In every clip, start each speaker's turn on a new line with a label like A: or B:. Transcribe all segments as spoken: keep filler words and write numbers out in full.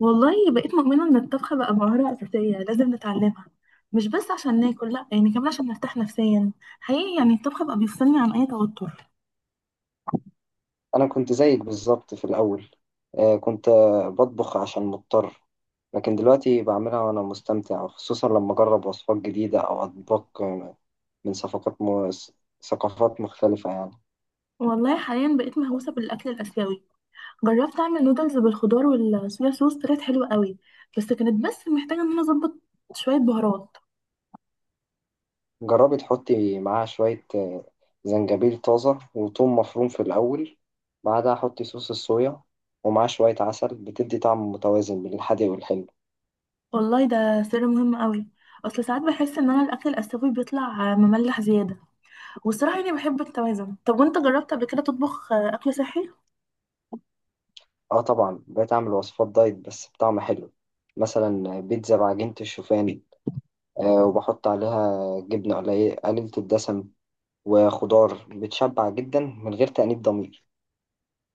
A: والله بقيت مؤمنة إن الطبخ بقى مهارة أساسية لازم نتعلمها. مش بس عشان ناكل، لأ، يعني كمان عشان نرتاح نفسيا. حقيقي يعني الطبخ بقى بيفصلني عن أي توتر.
B: أنا كنت زيك بالظبط في الأول. آه، كنت آه، بطبخ عشان مضطر. لكن دلوقتي بعملها وأنا مستمتع، خصوصا لما أجرب وصفات جديدة أو أطباق آه، من ثقافات م... ثقافات مختلفة يعني.
A: والله حاليا بقيت مهووسة بالأكل الآسيوي. جربت أعمل نودلز بالخضار والصويا صوص، طلعت حلوة قوي. بس كانت بس محتاجة إن أنا أظبط شوية بهارات.
B: جربي تحطي معاها شوية آه، زنجبيل طازة وثوم مفروم في الأول، بعدها حطي صوص الصويا ومعاه شوية عسل، بتدي طعم متوازن بين الحادق والحلو.
A: والله ده سر مهم قوي. أصل ساعات بحس إن أنا الأكل الآسيوي بيطلع مملح زيادة. والصراحة يعني بحب التوازن. طب وأنت جربت قبل كده تطبخ أكل صحي؟
B: اه طبعا، بقيت أعمل وصفات دايت بس بطعم حلو. مثلا بيتزا بعجينة الشوفان، آه، وبحط عليها جبنة قليلة قليلة الدسم، وخضار بتشبع جدا من غير تأنيب ضمير.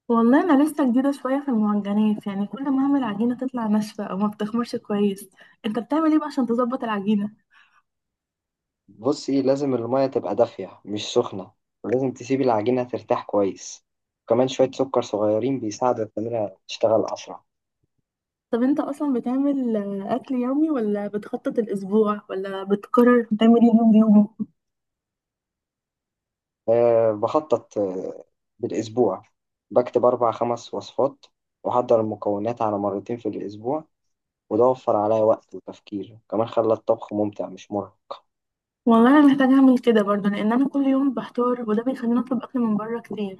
A: والله انا لسه جديده شويه في المعجنات، يعني كل ما اعمل عجينه تطلع ناشفه او ما بتخمرش كويس. انت بتعمل ايه بقى عشان تظبط العجينه؟
B: بصي، لازم المية تبقى دافية مش سخنة، ولازم تسيبي العجينة ترتاح كويس، وكمان شوية سكر صغيرين بيساعدوا التمرة تشتغل أسرع.
A: طب انت اصلا بتعمل آه، اكل يومي ولا بتخطط الاسبوع ولا بتقرر بتعمل ايه يوم بيوم؟
B: أه بخطط آه، بالأسبوع، بكتب أربع خمس وصفات وأحضر المكونات على مرتين في الأسبوع، وده وفر عليا وقت وتفكير، وكمان خلى الطبخ ممتع مش مرهق.
A: والله انا محتاجه اعمل كده برضه، لان انا كل يوم بحتار وده بيخليني اطلب اكل من بره كتير.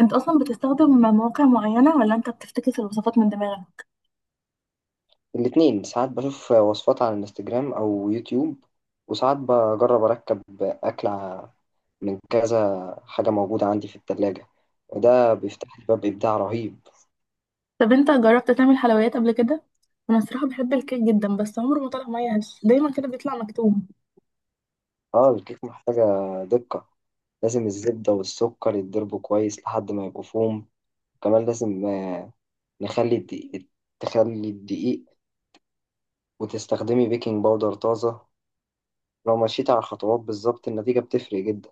A: انت اصلا بتستخدم مواقع معينه ولا انت بتفتكس الوصفات من دماغك؟
B: الاتنين، ساعات بشوف وصفات على الانستجرام او يوتيوب، وساعات بجرب اركب اكلة من كذا حاجة موجودة عندي في التلاجة، وده بيفتح لي باب ابداع رهيب.
A: طب انت جربت تعمل حلويات قبل كده؟ انا الصراحه بحب الكيك جدا، بس عمره ما طلع معايا هش، دايما كده بيطلع مكتوم.
B: اه الكيك محتاجة دقة. لازم الزبدة والسكر يتضربوا كويس لحد ما يبقوا فوم. كمان لازم آه، نخلي الدقيق تخلي الدقيق وتستخدمي بيكنج باودر طازة. لو مشيت على الخطوات بالظبط، النتيجة بتفرق جدا.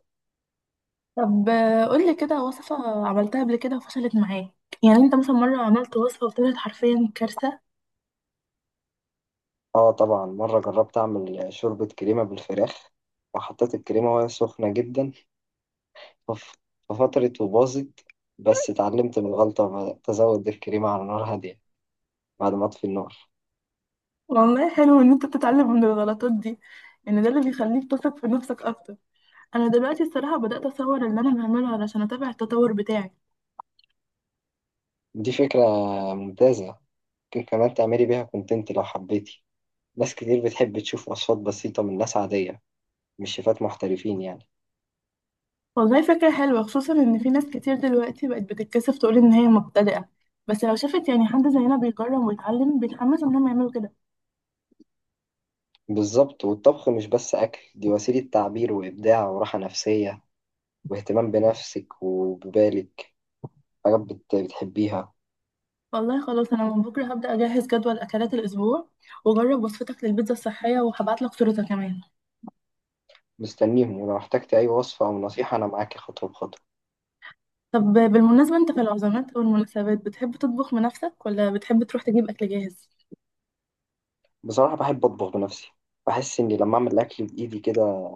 A: طب آه، قولي كده وصفة عملتها قبل كده وفشلت معاك. يعني انت مثلا مرة عملت وصفة وطلعت حرفيا كارثة؟
B: اه طبعا، مرة جربت أعمل شوربة كريمة بالفراخ وحطيت الكريمة وهي سخنة جدا، فف- ففترت وباظت. بس اتعلمت من الغلطة، وبدأت أزود الكريمة على نار هادية بعد ما أطفي النار.
A: والله حلو ان انت بتتعلم من الغلطات دي. ان ده اللي بيخليك تثق في نفسك اكتر. انا دلوقتي الصراحة بدأت اصور اللي انا بعمله علشان اتابع التطور بتاعي.
B: دي فكرة ممتازة. ممكن كمان تعملي بيها كونتنت لو حبيتي. ناس كتير بتحب تشوف وصفات بسيطة من ناس عادية، مش شيفات محترفين يعني.
A: والله فكرة حلوة، خصوصا ان في ناس كتير دلوقتي بقت بتتكسف تقول ان هي مبتدئة. بس لو شافت يعني حد زينا بيجرب ويتعلم بيتحمس انهم يعملوا كده.
B: بالظبط، والطبخ مش بس أكل، دي وسيلة تعبير وإبداع وراحة نفسية واهتمام بنفسك وببالك. حاجات بت- بتحبيها.
A: والله خلاص، انا من بكرة هبدأ اجهز جدول اكلات الاسبوع. وجرب وصفتك للبيتزا الصحية وهبعتلك صورتها كمان.
B: مستنيهم، ولو احتجت أي وصفة أو نصيحة أنا معاك خطوة بخطوة.
A: طب بالمناسبة، انت في العزومات والمناسبات بتحب تطبخ بنفسك ولا بتحب تروح تجيب أكل جاهز؟
B: بصراحة بحب أطبخ بنفسي. بحس إني لما أعمل الأكل بإيدي كده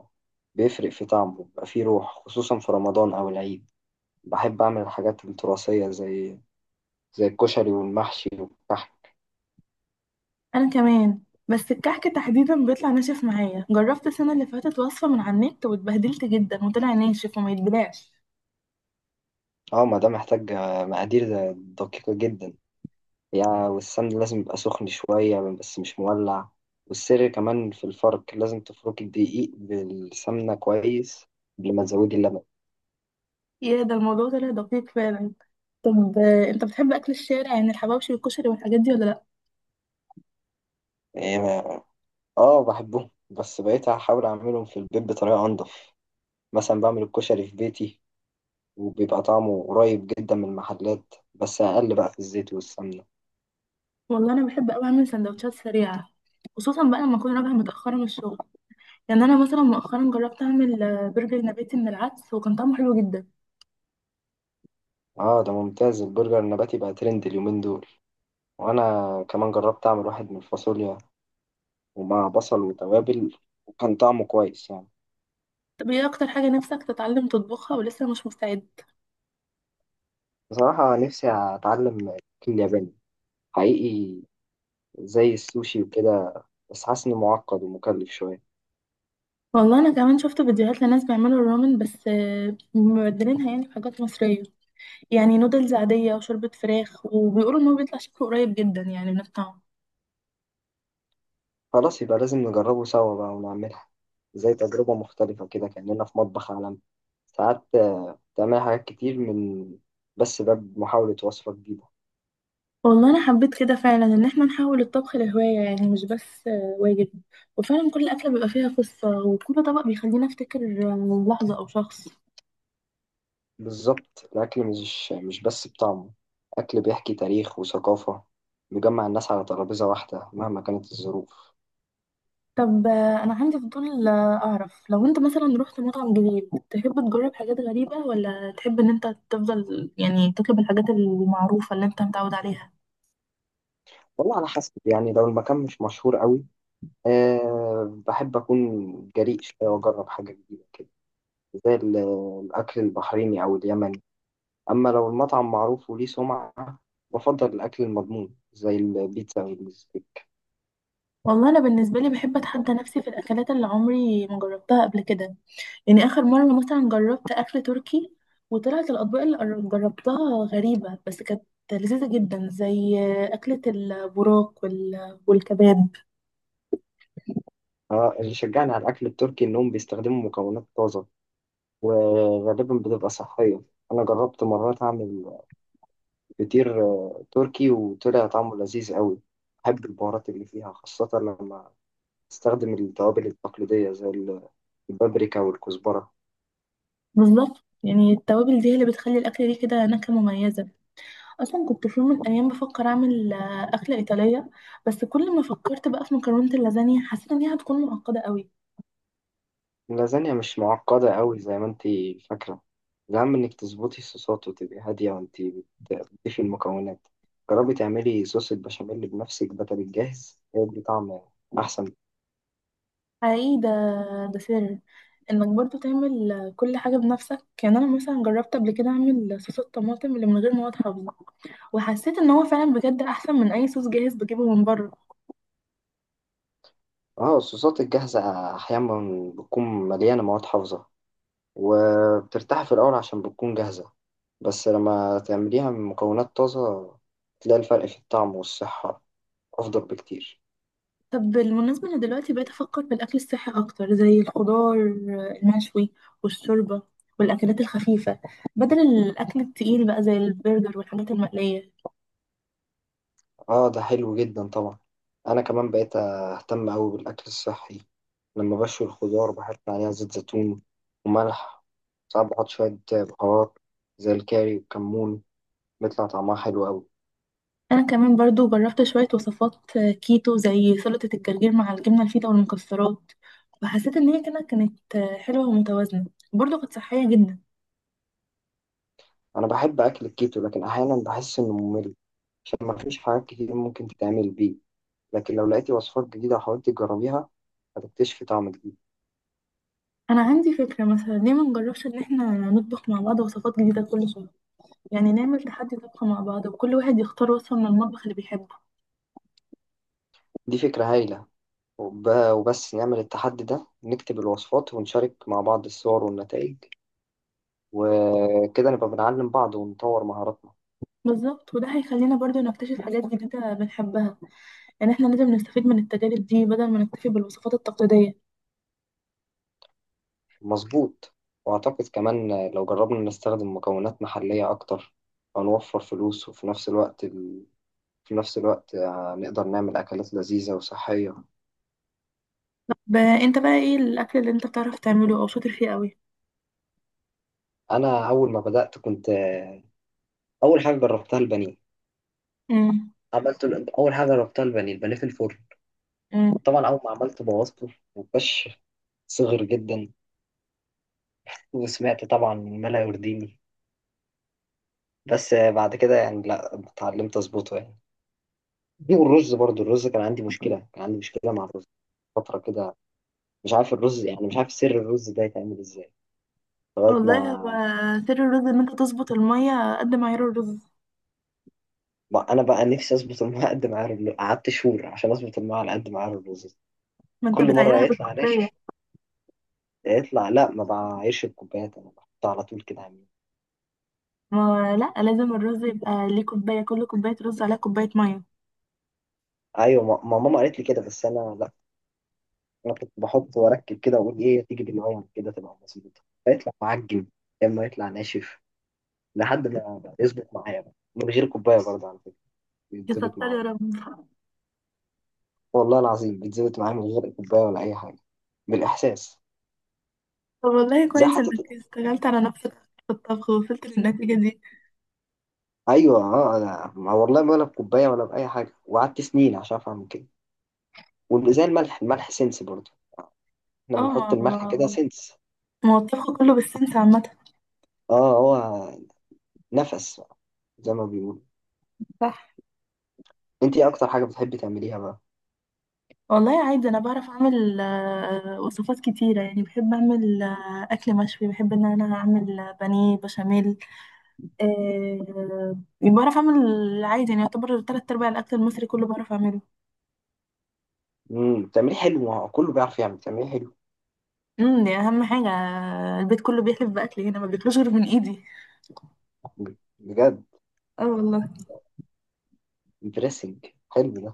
B: بيفرق في طعمه، بيبقى فيه روح، خصوصا في رمضان أو العيد. بحب أعمل الحاجات التراثية زي زي الكشري والمحشي والكحك.
A: أنا كمان. بس الكحك تحديدا بيطلع ناشف معايا. جربت السنة اللي فاتت وصفة من على النت واتبهدلت جدا وطلع ناشف وما يتبلعش.
B: اه ما ده محتاج آه، مقادير دقيقة جدا يعني. والسمن لازم يبقى سخن شوية بس مش مولع. والسر كمان في الفرق، لازم تفركي الدقيق بالسمنة كويس قبل ما تزودي اللبن.
A: يا ده الموضوع طلع دقيق فعلا. طب آه، انت بتحب أكل الشارع، يعني الحواوشي والكشري والحاجات دي ولا لأ؟
B: يعني اه بحبهم، بس بقيت هحاول اعملهم في البيت بطريقة انضف. مثلا بعمل الكشري في بيتي، وبيبقى طعمه قريب جدا من المحلات، بس اقل بقى في الزيت والسمنة.
A: والله أنا بحب أوي أعمل سندوتشات سريعة، خصوصا بقى لما أكون راجعة متأخرة من الشغل. يعني أنا مثلا مؤخرا جربت أعمل آه، برجر نباتي من العدس وكان طعمه حلو جدا.
B: اه ده ممتاز. البرجر النباتي بقى ترند اليومين دول. وانا كمان جربت اعمل واحد من الفاصوليا ومع بصل وتوابل، وكان طعمه كويس يعني.
A: طب ايه اكتر حاجة نفسك تتعلم تطبخها ولسه مش مستعد؟
B: بصراحة نفسي اتعلم الاكل الياباني حقيقي، زي السوشي وكده، بس حاسس انه معقد ومكلف شوية.
A: والله انا كمان شفت فيديوهات لناس بيعملوا الرامن، بس آه، مبدلينها يعني بحاجات مصرية. يعني نودلز عادية وشوربة فراخ، وبيقولوا ان هو بيطلع شكله قريب جدا يعني من الطعم.
B: خلاص، يبقى لازم نجربه سوا بقى ونعملها زي تجربة مختلفة كده، كأننا في مطبخ عالمي. ساعات آه، تعمل حاجات كتير من بس باب محاولة وصفة جديدة.
A: والله انا حبيت كده فعلا ان احنا نحول الطبخ لهواية، يعني مش بس آه، واجب. وفعلا كل اكلة بيبقى فيها قصة، وكل طبق بيخليني افتكر آه، لحظة او شخص.
B: بالظبط، الأكل مش مش بس بطعمه، أكل بيحكي تاريخ وثقافة، بيجمع الناس على ترابيزة واحدة مهما كانت الظروف.
A: طب آه، انا عندي فضول آه، اعرف لو انت مثلا رحت مطعم جديد تحب تجرب حاجات غريبة، ولا تحب ان انت تفضل يعني تطلب الحاجات المعروفة اللي انت متعود عليها؟
B: والله على حسب، يعني لو المكان مش مشهور قوي، أه بحب أكون جريء شوية وأجرب حاجة جديدة كده، زي ال- الأكل البحريني أو اليمني. أما لو المطعم معروف وليه سمعة، بفضل الأكل المضمون زي البيتزا والستيك.
A: والله انا بالنسبة لي بحب اتحدى نفسي في الاكلات اللي عمري ما جربتها قبل كده. يعني اخر مرة مثلا جربت اكل تركي، وطلعت الاطباق اللي قر- جربتها غريبة بس كانت لذيذة جدا، زي آه، أكلة البراق وال- والكباب.
B: آه، اللي شجعني على الأكل التركي إنهم بيستخدموا مكونات طازة، وغالبا بتبقى صحية. أنا جربت مرات أعمل فطير آه، تركي وطلع طعمه لذيذ قوي. بحب البهارات اللي فيها، خاصة لما تستخدم التوابل التقليدية زي ال- البابريكا والكزبرة.
A: بالظبط، يعني التوابل دي هي اللي بتخلي الأكلة دي كده نكهة مميزة. اصلا كنت في يوم من الايام بفكر اعمل آه، اكله ايطاليه. بس كل ما فكرت بقى في مكرونه اللازانيا حسيت ان هي هتكون معقده قوي.
B: اللازانيا مش معقدة قوي زي ما انتي فاكرة. الأهم انك تظبطي الصوصات وتبقي هادية وانتي بت- بتضيفي المكونات. جربي تعملي صوص البشاميل بنفسك بدل الجاهز، هيدي طعم أحسن.
A: حقيقي ده. ده سر انك برضو تعمل آه، كل حاجه بنفسك. يعني انا مثلا جربت قبل كده اعمل صوص الطماطم اللي من غير مواد حافظه. وحسيت ان هو فعلا بجد احسن من اي صوص جاهز بجيبه من بره.
B: اه الصوصات الجاهزة أحيانا بتكون مليانة مواد حافظة، وبترتاحي في الأول عشان بتكون جاهزة، بس لما تعمليها من مكونات طازة تلاقي الفرق في الطعم والصحة أفضل بكتير.
A: طب بالمناسبه، انا دلوقتي بقيت افكر في الاكل الصحي اكتر، زي الخضار آه، المشوي والشوربه والاكلات الخفيفه، بدل الاكل التقيل بقى زي البرجر والحاجات المقليه.
B: اه ده حلو جدا طبعا. انا كمان بقيت اهتم قوي بالاكل الصحي. لما بشوي الخضار بحط عليها زيت زيتون وملح، ساعات بحط شويه بهارات زي الكاري والكمون، بيطلع طعمها حلو قوي.
A: انا كمان برضو جربت شوية وصفات آه، كيتو، زي سلطة الجرجير مع الجبنة الفيتا والمكسرات. وحسيت ان هي كده كانت آه، حلوة ومتوازنة. برضو كانت صحية جدا.
B: انا بحب اكل الكيتو، لكن احيانا بحس انه ممل عشان ما فيش حاجات كتير ممكن تتعمل بيه. لكن لو لقيتي وصفات جديده وحاولتي تجربيها، هتكتشفي طعم جديد.
A: انا عندي فكرة، مثلا ليه ما نجربش ان احنا نطبخ مع بعض وصفات جديدة كل شهر؟ يعني نعمل تحدي طبخ مع بعض وكل واحد يختار وصفة من المطبخ اللي بيحبه.
B: دي فكره هايله. وب- وبس نعمل التحدي ده، نكتب الوصفات ونشارك مع بعض الصور والنتائج، وكده نبقى بنعلم بعض ونطور مهاراتنا.
A: بالظبط، وده هيخلينا برضو نكتشف حاجات جديدة بنحبها. يعني احنا لازم نستفيد من التجارب دي بدل ما نكتفي بالوصفات التقليدية.
B: مظبوط. وأعتقد كمان لو جربنا نستخدم مكونات محلية أكتر، هنوفر فلوس، وفي نفس الوقت ال... في نفس الوقت نقدر نعمل أكلات لذيذة وصحية.
A: طب آه، انت بقى ايه الاكل اللي انت بتعرف تعمله او شاطر فيه قوي؟
B: أنا أول ما بدأت، كنت أول حاجة جربتها البانيه. عملت ال- أول حاجة جربتها البانيه البانيه في الفرن.
A: امم
B: طبعا أول ما عملت بوظته وكش، صغر جدا، وسمعت طبعا ما لا يرضيني. بس بعد كده يعني لا، اتعلمت أظبطه يعني. دي، والرز برضو، الرز كان عندي مشكلة كان عندي مشكلة مع الرز فترة كده. مش عارف الرز، يعني مش عارف سر الرز ده يتعمل ازاي، لغاية
A: والله هو
B: ما
A: سر الرز ان انت تظبط المية قد معيار الرز.
B: ما أنا بقى نفسي أظبط الماء قد ما عارف. قعدت شهور عشان أظبط الماء على قد ما عارف الرز.
A: ما انت
B: كل مرة
A: بتعيرها
B: يطلع
A: بالكوباية.
B: ناشف. يطلع، لا ما بعايرش بكوبايات، أنا بحطها على طول كده عمي.
A: ما هو لا، لازم الرز يبقى ليه كوباية. كل كوباية رز عليها كوباية مية.
B: أيوة، ما ما ماما قالت لي كده، بس أنا لا، أنا كنت بحط وأركب كده وأقول إيه تيجي بالمية كده تبقى مظبوطة، فيطلع معجن يا إما يطلع ناشف، لحد ما يظبط معايا بقى من غير كوباية برضه على فكرة، بيتظبط
A: يسطر يا
B: معايا.
A: رب.
B: والله العظيم بيتظبط معاه من غير كوباية ولا أي حاجة، بالإحساس.
A: طب والله
B: زي
A: كويس
B: حتى.
A: انك اشتغلت على نفسك في الطبخ ووصلت للنتيجة دي.
B: أيوه أه، أنا ما والله ولا بكوباية ولا بأي حاجة، وقعدت سنين عشان أفهم كده. وزي الملح الملح سنس برضه، إحنا
A: اه.
B: بنحط الملح كده
A: ما
B: سنس.
A: ما هو الطبخ كله بالسنس عامة.
B: أه هو نفس بقى، زي ما بيقولوا.
A: صح.
B: أنت إيه أكتر حاجة بتحبي تعمليها بقى؟
A: والله عادي انا بعرف اعمل آه، وصفات كتيرة. يعني بحب اعمل آه، اكل مشوي، بحب ان انا اعمل بانيه بشاميل. آه، بعرف اعمل عادي، يعني يعتبر تلات ارباع الاكل المصري كله بعرف اعمله.
B: امم، بتعمليه حلو. ما هو كله بيعرف يعمل، بتعمليه حلو.
A: امم دي اهم حاجه. البيت كله بيحلف باكل هنا، ما بياكلوش غير من ايدي.
B: بجد؟
A: اه والله.
B: امبرسنج، حلو ده.